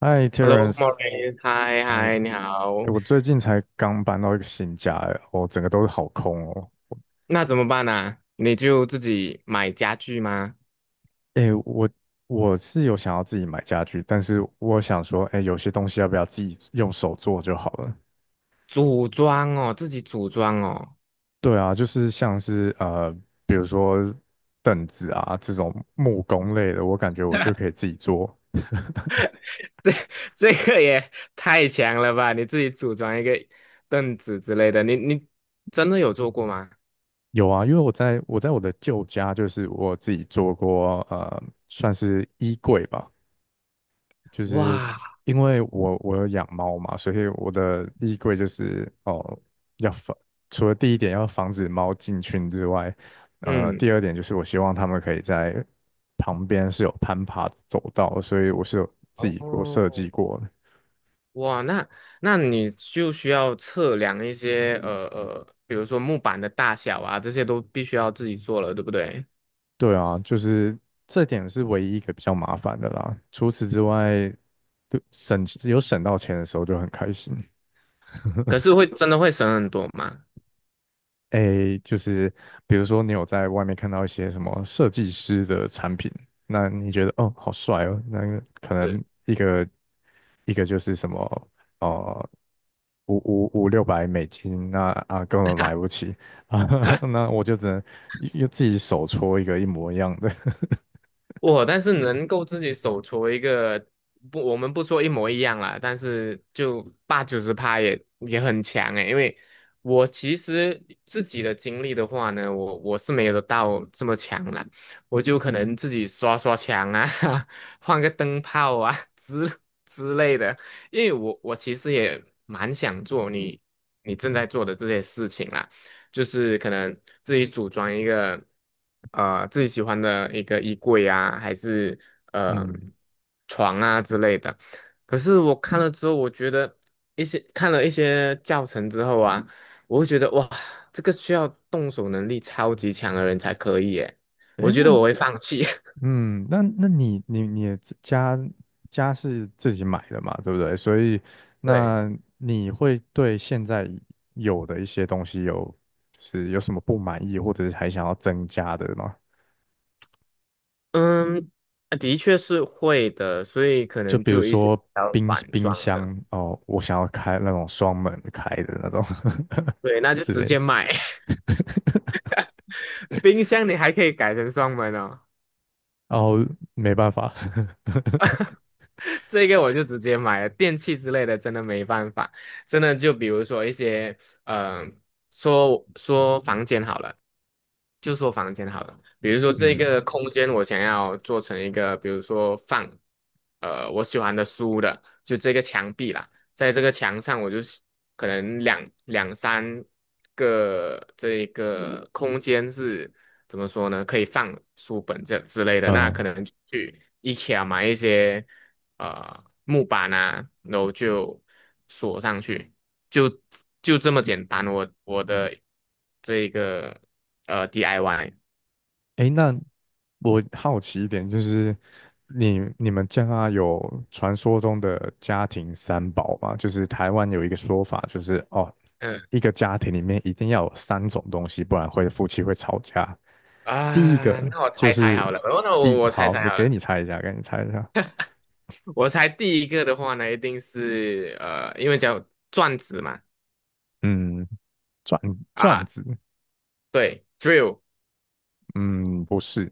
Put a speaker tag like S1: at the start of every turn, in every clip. S1: 嗨
S2: Hello, m a u
S1: ，Terence。
S2: r e e 嗨
S1: 哎。
S2: 嗨，你好。
S1: 哎，我最近才刚搬到一个新家。哎，我整个都是好空哦。
S2: 那怎么办啊？你就自己买家具吗？
S1: 哎，我是有想要自己买家具，但是我想说，哎，有些东西要不要自己用手做就好了？
S2: 组装哦，自己组装哦，
S1: 对啊，就是像是比如说凳子啊这种木工类的，我感觉我就可以自己做。
S2: 这个也太强了吧！你自己组装一个凳子之类的，你真的有做过吗？
S1: 有啊，因为我在我的旧家，就是我自己做过，算是衣柜吧。就是
S2: 哇，
S1: 因为我有养猫嘛，所以我的衣柜就是哦，要防，除了第一点要防止猫进群之外，第
S2: 嗯，
S1: 二点就是我希望它们可以在旁边是有攀爬的走道，所以我是有自己过
S2: 哦，
S1: 设计过的。
S2: 哇，那你就需要测量一些比如说木板的大小啊，这些都必须要自己做了，对不对？
S1: 对啊，就是这点是唯一一个比较麻烦的啦。除此之外，就省有省到钱的时候就很开心。
S2: 可是会真的会省很多吗？
S1: 诶，就是比如说你有在外面看到一些什么设计师的产品，那你觉得哦好帅哦，那个可能
S2: 对。
S1: 一个就是什么哦，五六百美金，那啊根本买不 起啊。那我就只能又自己手搓一个一模一样的。
S2: 我但是能够自己手搓一个，不，我们不说一模一样啦，但是就八九十趴也很强诶，因为我其实自己的经历的话呢，我是没有到这么强啦，我就可能自己刷刷墙啊，换个灯泡啊之类的，因为我其实也蛮想做你正在做的这些事情啦。就是可能自己组装一个自己喜欢的一个衣柜啊，还是呃
S1: 嗯，
S2: 床啊之类的。可是我看了之后，我觉得一些看了一些教程之后啊，我会觉得哇，这个需要动手能力超级强的人才可以耶。我
S1: 诶，
S2: 觉
S1: 那
S2: 得我会放弃。
S1: 嗯，那你的家是自己买的嘛，对不对？所以
S2: 对，
S1: 那你会对现在有的一些东西有就是有什么不满意，或者是还想要增加的吗？
S2: 嗯，啊的确是会的，所以可
S1: 就
S2: 能
S1: 比
S2: 就
S1: 如
S2: 有一些
S1: 说冰
S2: 反
S1: 冰
S2: 装的。
S1: 箱哦，我想要开那种双门开的那种
S2: 对，那 就
S1: 之
S2: 直
S1: 类的。
S2: 接买。冰箱你还可以改成双门哦。
S1: 然后没办法。
S2: 这个我就直接买了，电器之类的真的没办法，真的就比如说一些，嗯、说说房间好了，就说房间好了，比如说 这
S1: 嗯
S2: 个空间我想要做成一个，比如说放，我喜欢的书的，就这个墙壁啦，在这个墙上我就是可能两三个这一个空间是怎么说呢？可以放书本这之类的，那可
S1: 嗯。
S2: 能就去 IKEA 买一些。木板啊，然后就锁上去，就就这么简单。我的这个DIY，
S1: 诶，那我好奇一点，就是你们家有传说中的家庭三宝吗？就是台湾有一个说法，就是哦，
S2: 嗯
S1: 一个家庭里面一定要有三种东西，不然会夫妻会吵架。第一个
S2: 那我
S1: 就
S2: 猜猜
S1: 是
S2: 好了，哦，那我我猜
S1: 好，
S2: 猜
S1: 你
S2: 好
S1: 给
S2: 了，
S1: 你猜一下，给你猜一下。
S2: 我猜第一个的话呢，一定是因为叫转子嘛，
S1: 嗯，转转
S2: 啊，
S1: 子，
S2: 对，drill
S1: 嗯，不是。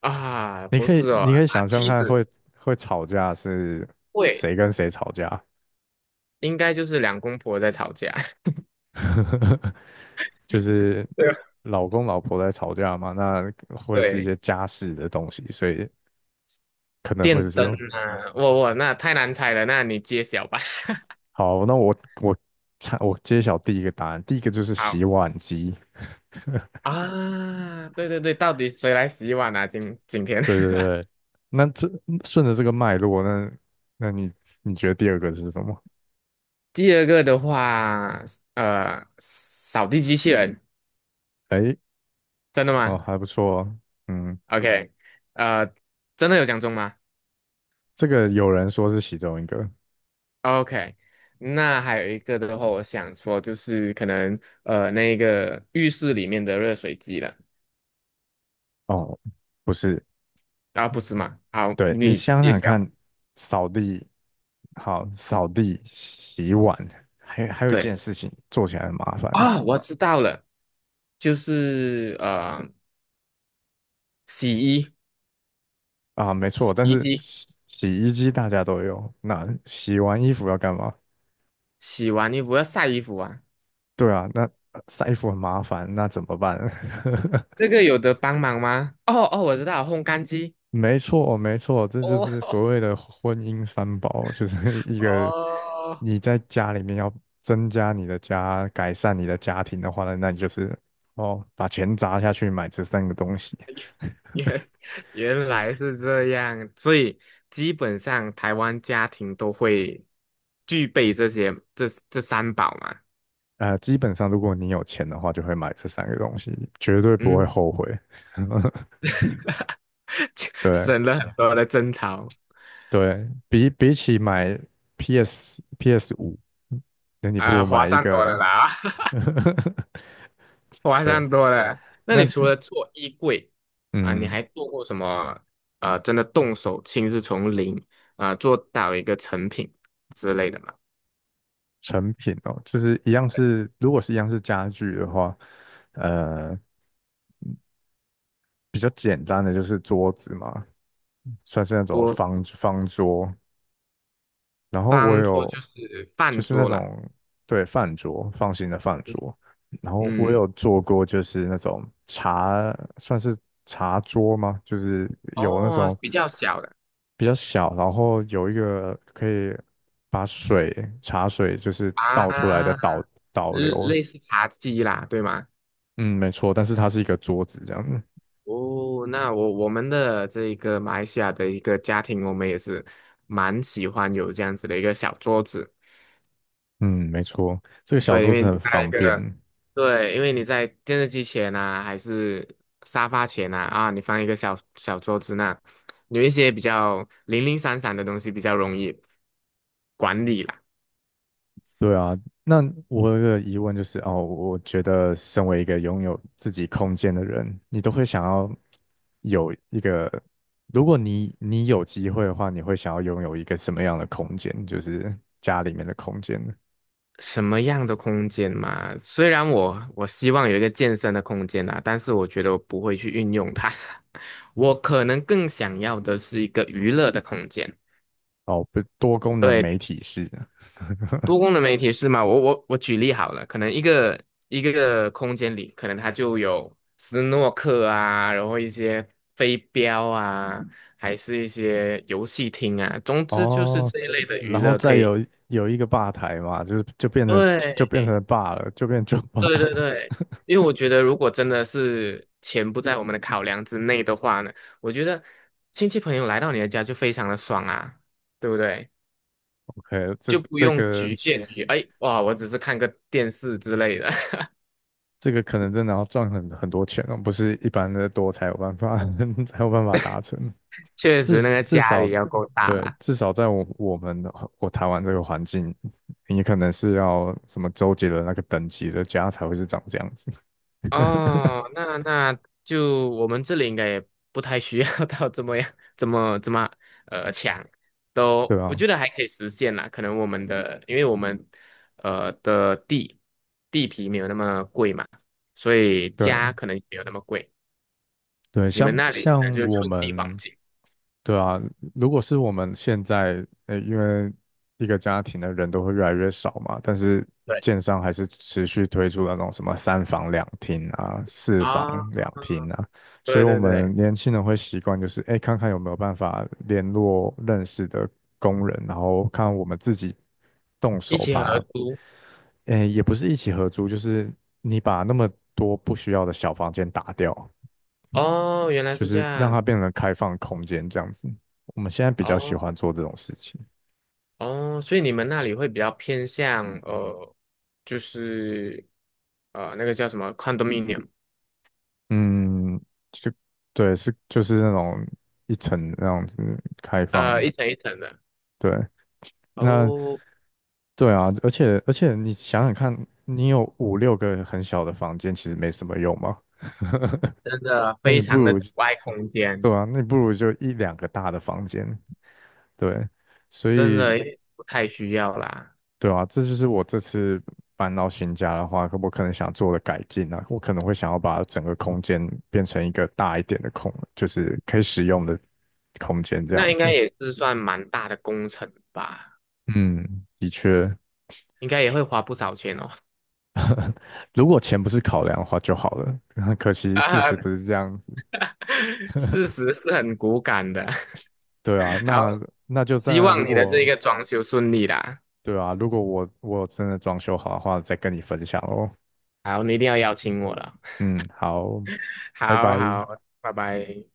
S2: 啊，
S1: 你
S2: 不
S1: 可以
S2: 是哦，
S1: 你可以
S2: 啊，
S1: 想象
S2: 梯
S1: 看
S2: 子，
S1: 会吵架是
S2: 会，
S1: 谁跟谁吵架。
S2: 应该就是两公婆在吵架，
S1: 呵呵呵，就是
S2: 对吧
S1: 老公老婆在吵架嘛，那会是一
S2: 对，
S1: 些家事的东西，所以可能会
S2: 电
S1: 是这
S2: 灯
S1: 种。
S2: 啊，我那太难猜了，那你揭晓吧。
S1: 好，那我猜我揭晓第一个答案，第一个就是 洗
S2: 好。
S1: 碗机。
S2: 啊，对对对，到底谁来洗碗啊？今天，
S1: 对对 对。那这顺着这个脉络，那那你你觉得第二个是什么？
S2: 第二个的话，扫地机器人，
S1: 哎，
S2: 真的
S1: 哦，
S2: 吗
S1: 还不错哦。嗯，
S2: ？OK，呃，真的有讲中吗
S1: 这个有人说是其中一个。
S2: ？OK，那还有一个的话，我想说就是可能那个浴室里面的热水机了，
S1: 哦，不是。
S2: 啊，不是吗？好，
S1: 对，你
S2: 你
S1: 想
S2: 揭
S1: 想
S2: 晓。
S1: 看，扫地，好，扫地、洗碗，还有一
S2: 对
S1: 件事情做起来很麻烦。
S2: 啊，我知道了，就是洗衣
S1: 啊，没错，
S2: 洗
S1: 但
S2: 衣
S1: 是
S2: 机，
S1: 洗衣机大家都有，那洗完衣服要干嘛？
S2: 洗完衣服要晒衣服啊。
S1: 对啊，那晒衣服很麻烦，那怎么办？
S2: 这个有得帮忙吗？哦哦，我知道，烘干机。
S1: 没错，没错，这就是
S2: 哦
S1: 所谓的婚姻三宝，就是 一个
S2: 哦，
S1: 你在家里面要增加你的家，改善你的家庭的话呢，那你就是哦，把钱砸下去买这三个东西。
S2: 原原来是这样，所以基本上台湾家庭都会具备这些这三宝嘛。
S1: 呃，基本上如果你有钱的话，就会买这三个东西，绝对不会
S2: 嗯，
S1: 后悔。
S2: 就
S1: 对
S2: 省了很多的争吵，
S1: 对，比起买 PS 五，那你不
S2: 啊、
S1: 如
S2: 划
S1: 买一
S2: 算多了
S1: 个。
S2: 啦，划
S1: 对，
S2: 算多了。那你
S1: 那
S2: 除了做衣柜啊、你
S1: 嗯，
S2: 还做过什么？真的动手亲自从零啊、做到一个成品之类的吗？
S1: 成品哦，就是一样是，如果是一样是家具的话，呃，比较简单的就是桌子嘛，算是那种方桌，然后我
S2: 方桌
S1: 有
S2: 就是
S1: 就
S2: 饭
S1: 是那
S2: 桌啦，
S1: 种对饭桌放心的饭桌，然后我
S2: 嗯，
S1: 有做过就是那种茶，算是茶桌吗？就是有那
S2: 哦，
S1: 种
S2: 比较小的
S1: 比较小，然后有一个可以把水茶水就是倒出来的
S2: 啊，
S1: 导导
S2: 类
S1: 流。
S2: 类似茶几啦，对吗？
S1: 嗯，没错，但是它是一个桌子这样子。
S2: 哦，那我们的这个马来西亚的一个家庭，我们也是蛮喜欢有这样子的一个小桌子，
S1: 嗯，没错，这个小
S2: 对，因
S1: 桌子
S2: 为你
S1: 很
S2: 在一
S1: 方便。
S2: 个对，因为你在电视机前呐，还是沙发前呐，啊，你放一个小小桌子那，有一些比较零零散散的东西比较容易管理啦。
S1: 对啊，那我有个疑问就是，哦，我觉得身为一个拥有自己空间的人，你都会想要有一个，如果你有机会的话，你会想要拥有一个什么样的空间？就是家里面的空间呢？
S2: 什么样的空间嘛？虽然我希望有一个健身的空间啊，但是我觉得我不会去运用它。我可能更想要的是一个娱乐的空间。
S1: 哦，不，多功能
S2: 对，
S1: 媒体室呢？
S2: 多功能媒体是吗？我举例好了，可能一个空间里，可能它就有斯诺克啊，然后一些飞镖啊，还是一些游戏厅啊，总之就是
S1: 哦，
S2: 这一类的娱
S1: 然后
S2: 乐
S1: 再
S2: 可以。
S1: 有一个吧台嘛，就是就变成
S2: 对
S1: 了 b 了，就变酒吧了。
S2: 对，因为我觉得，如果真的是钱不在我们的考量之内的话呢，我觉得亲戚朋友来到你的家就非常的爽啊，对不对？
S1: OK，这
S2: 就不
S1: 这
S2: 用局
S1: 个
S2: 限于，哎，哇，我只是看个电视之类的。
S1: 这个可能真的要赚很多钱哦，不是一般的多才有办法 才有办法达成。
S2: 确
S1: 至
S2: 实，那个
S1: 至
S2: 家里
S1: 少，
S2: 要够大
S1: 对，
S2: 啦。
S1: 至少在我们的台湾这个环境，你可能是要什么周杰伦那个等级的家才会是长这样子。
S2: 哦，那就我们这里应该也不太需要 到这么样，这么强，都
S1: 对
S2: 我
S1: 啊，
S2: 觉得还可以实现啦。可能我们的，因为我们的地皮没有那么贵嘛，所以
S1: 对，
S2: 家可能也没有那么贵。
S1: 对，
S2: 你
S1: 像
S2: 们那里可能
S1: 像
S2: 就
S1: 我
S2: 寸地黄
S1: 们。
S2: 金。
S1: 对啊，如果是我们现在，呃，因为一个家庭的人都会越来越少嘛，但是
S2: 对
S1: 建商还是持续推出那种什么三房两厅啊、四房
S2: 啊，
S1: 两厅啊，所以
S2: 对
S1: 我
S2: 对
S1: 们
S2: 对，
S1: 年轻人会习惯就是，哎，看看有没有办法联络认识的工人，然后看我们自己动
S2: 一
S1: 手
S2: 起合
S1: 把，
S2: 租。
S1: 哎，也不是一起合租，就是你把那么多不需要的小房间打掉，
S2: 哦，原来
S1: 就
S2: 是这
S1: 是让
S2: 样。
S1: 它变成开放空间这样子。我们现在比较喜
S2: 哦。
S1: 欢做这种事情。
S2: 哦，所以你们那里会比较偏向就是那个叫什么 condominium，
S1: 嗯，就对，是就是那种一层那样子开放。
S2: 一层一层的。
S1: 对，那
S2: 哦，
S1: 对啊，而且你想想看，你有五六个很小的房间，其实没什么用嘛。
S2: 真的
S1: 那
S2: 非
S1: 你不
S2: 常的
S1: 如
S2: 阻碍空间，
S1: 对啊，那你不如就一两个大的房间。对，所
S2: 真
S1: 以
S2: 的不太需要啦。
S1: 对啊，这就是我这次搬到新家的话，我可能想做的改进啊，我可能会想要把整个空间变成一个大一点的空，就是可以使用的空间这
S2: 那
S1: 样
S2: 应该
S1: 子。
S2: 也是算蛮大的工程吧，
S1: 嗯，的确，
S2: 应该也会花不少钱哦。
S1: 如果钱不是考量的话就好了。可惜，事实不
S2: 啊，
S1: 是这样子。
S2: 事实是很骨感的。
S1: 对啊，
S2: 好，
S1: 那那就
S2: 希
S1: 在
S2: 望
S1: 如
S2: 你的这一
S1: 果
S2: 个装修顺利啦。
S1: 对啊，如果我真的装修好的话，再跟你分享哦。
S2: 好，你一定要邀请我了。
S1: 嗯，好，拜
S2: 好
S1: 拜。
S2: 好，拜拜。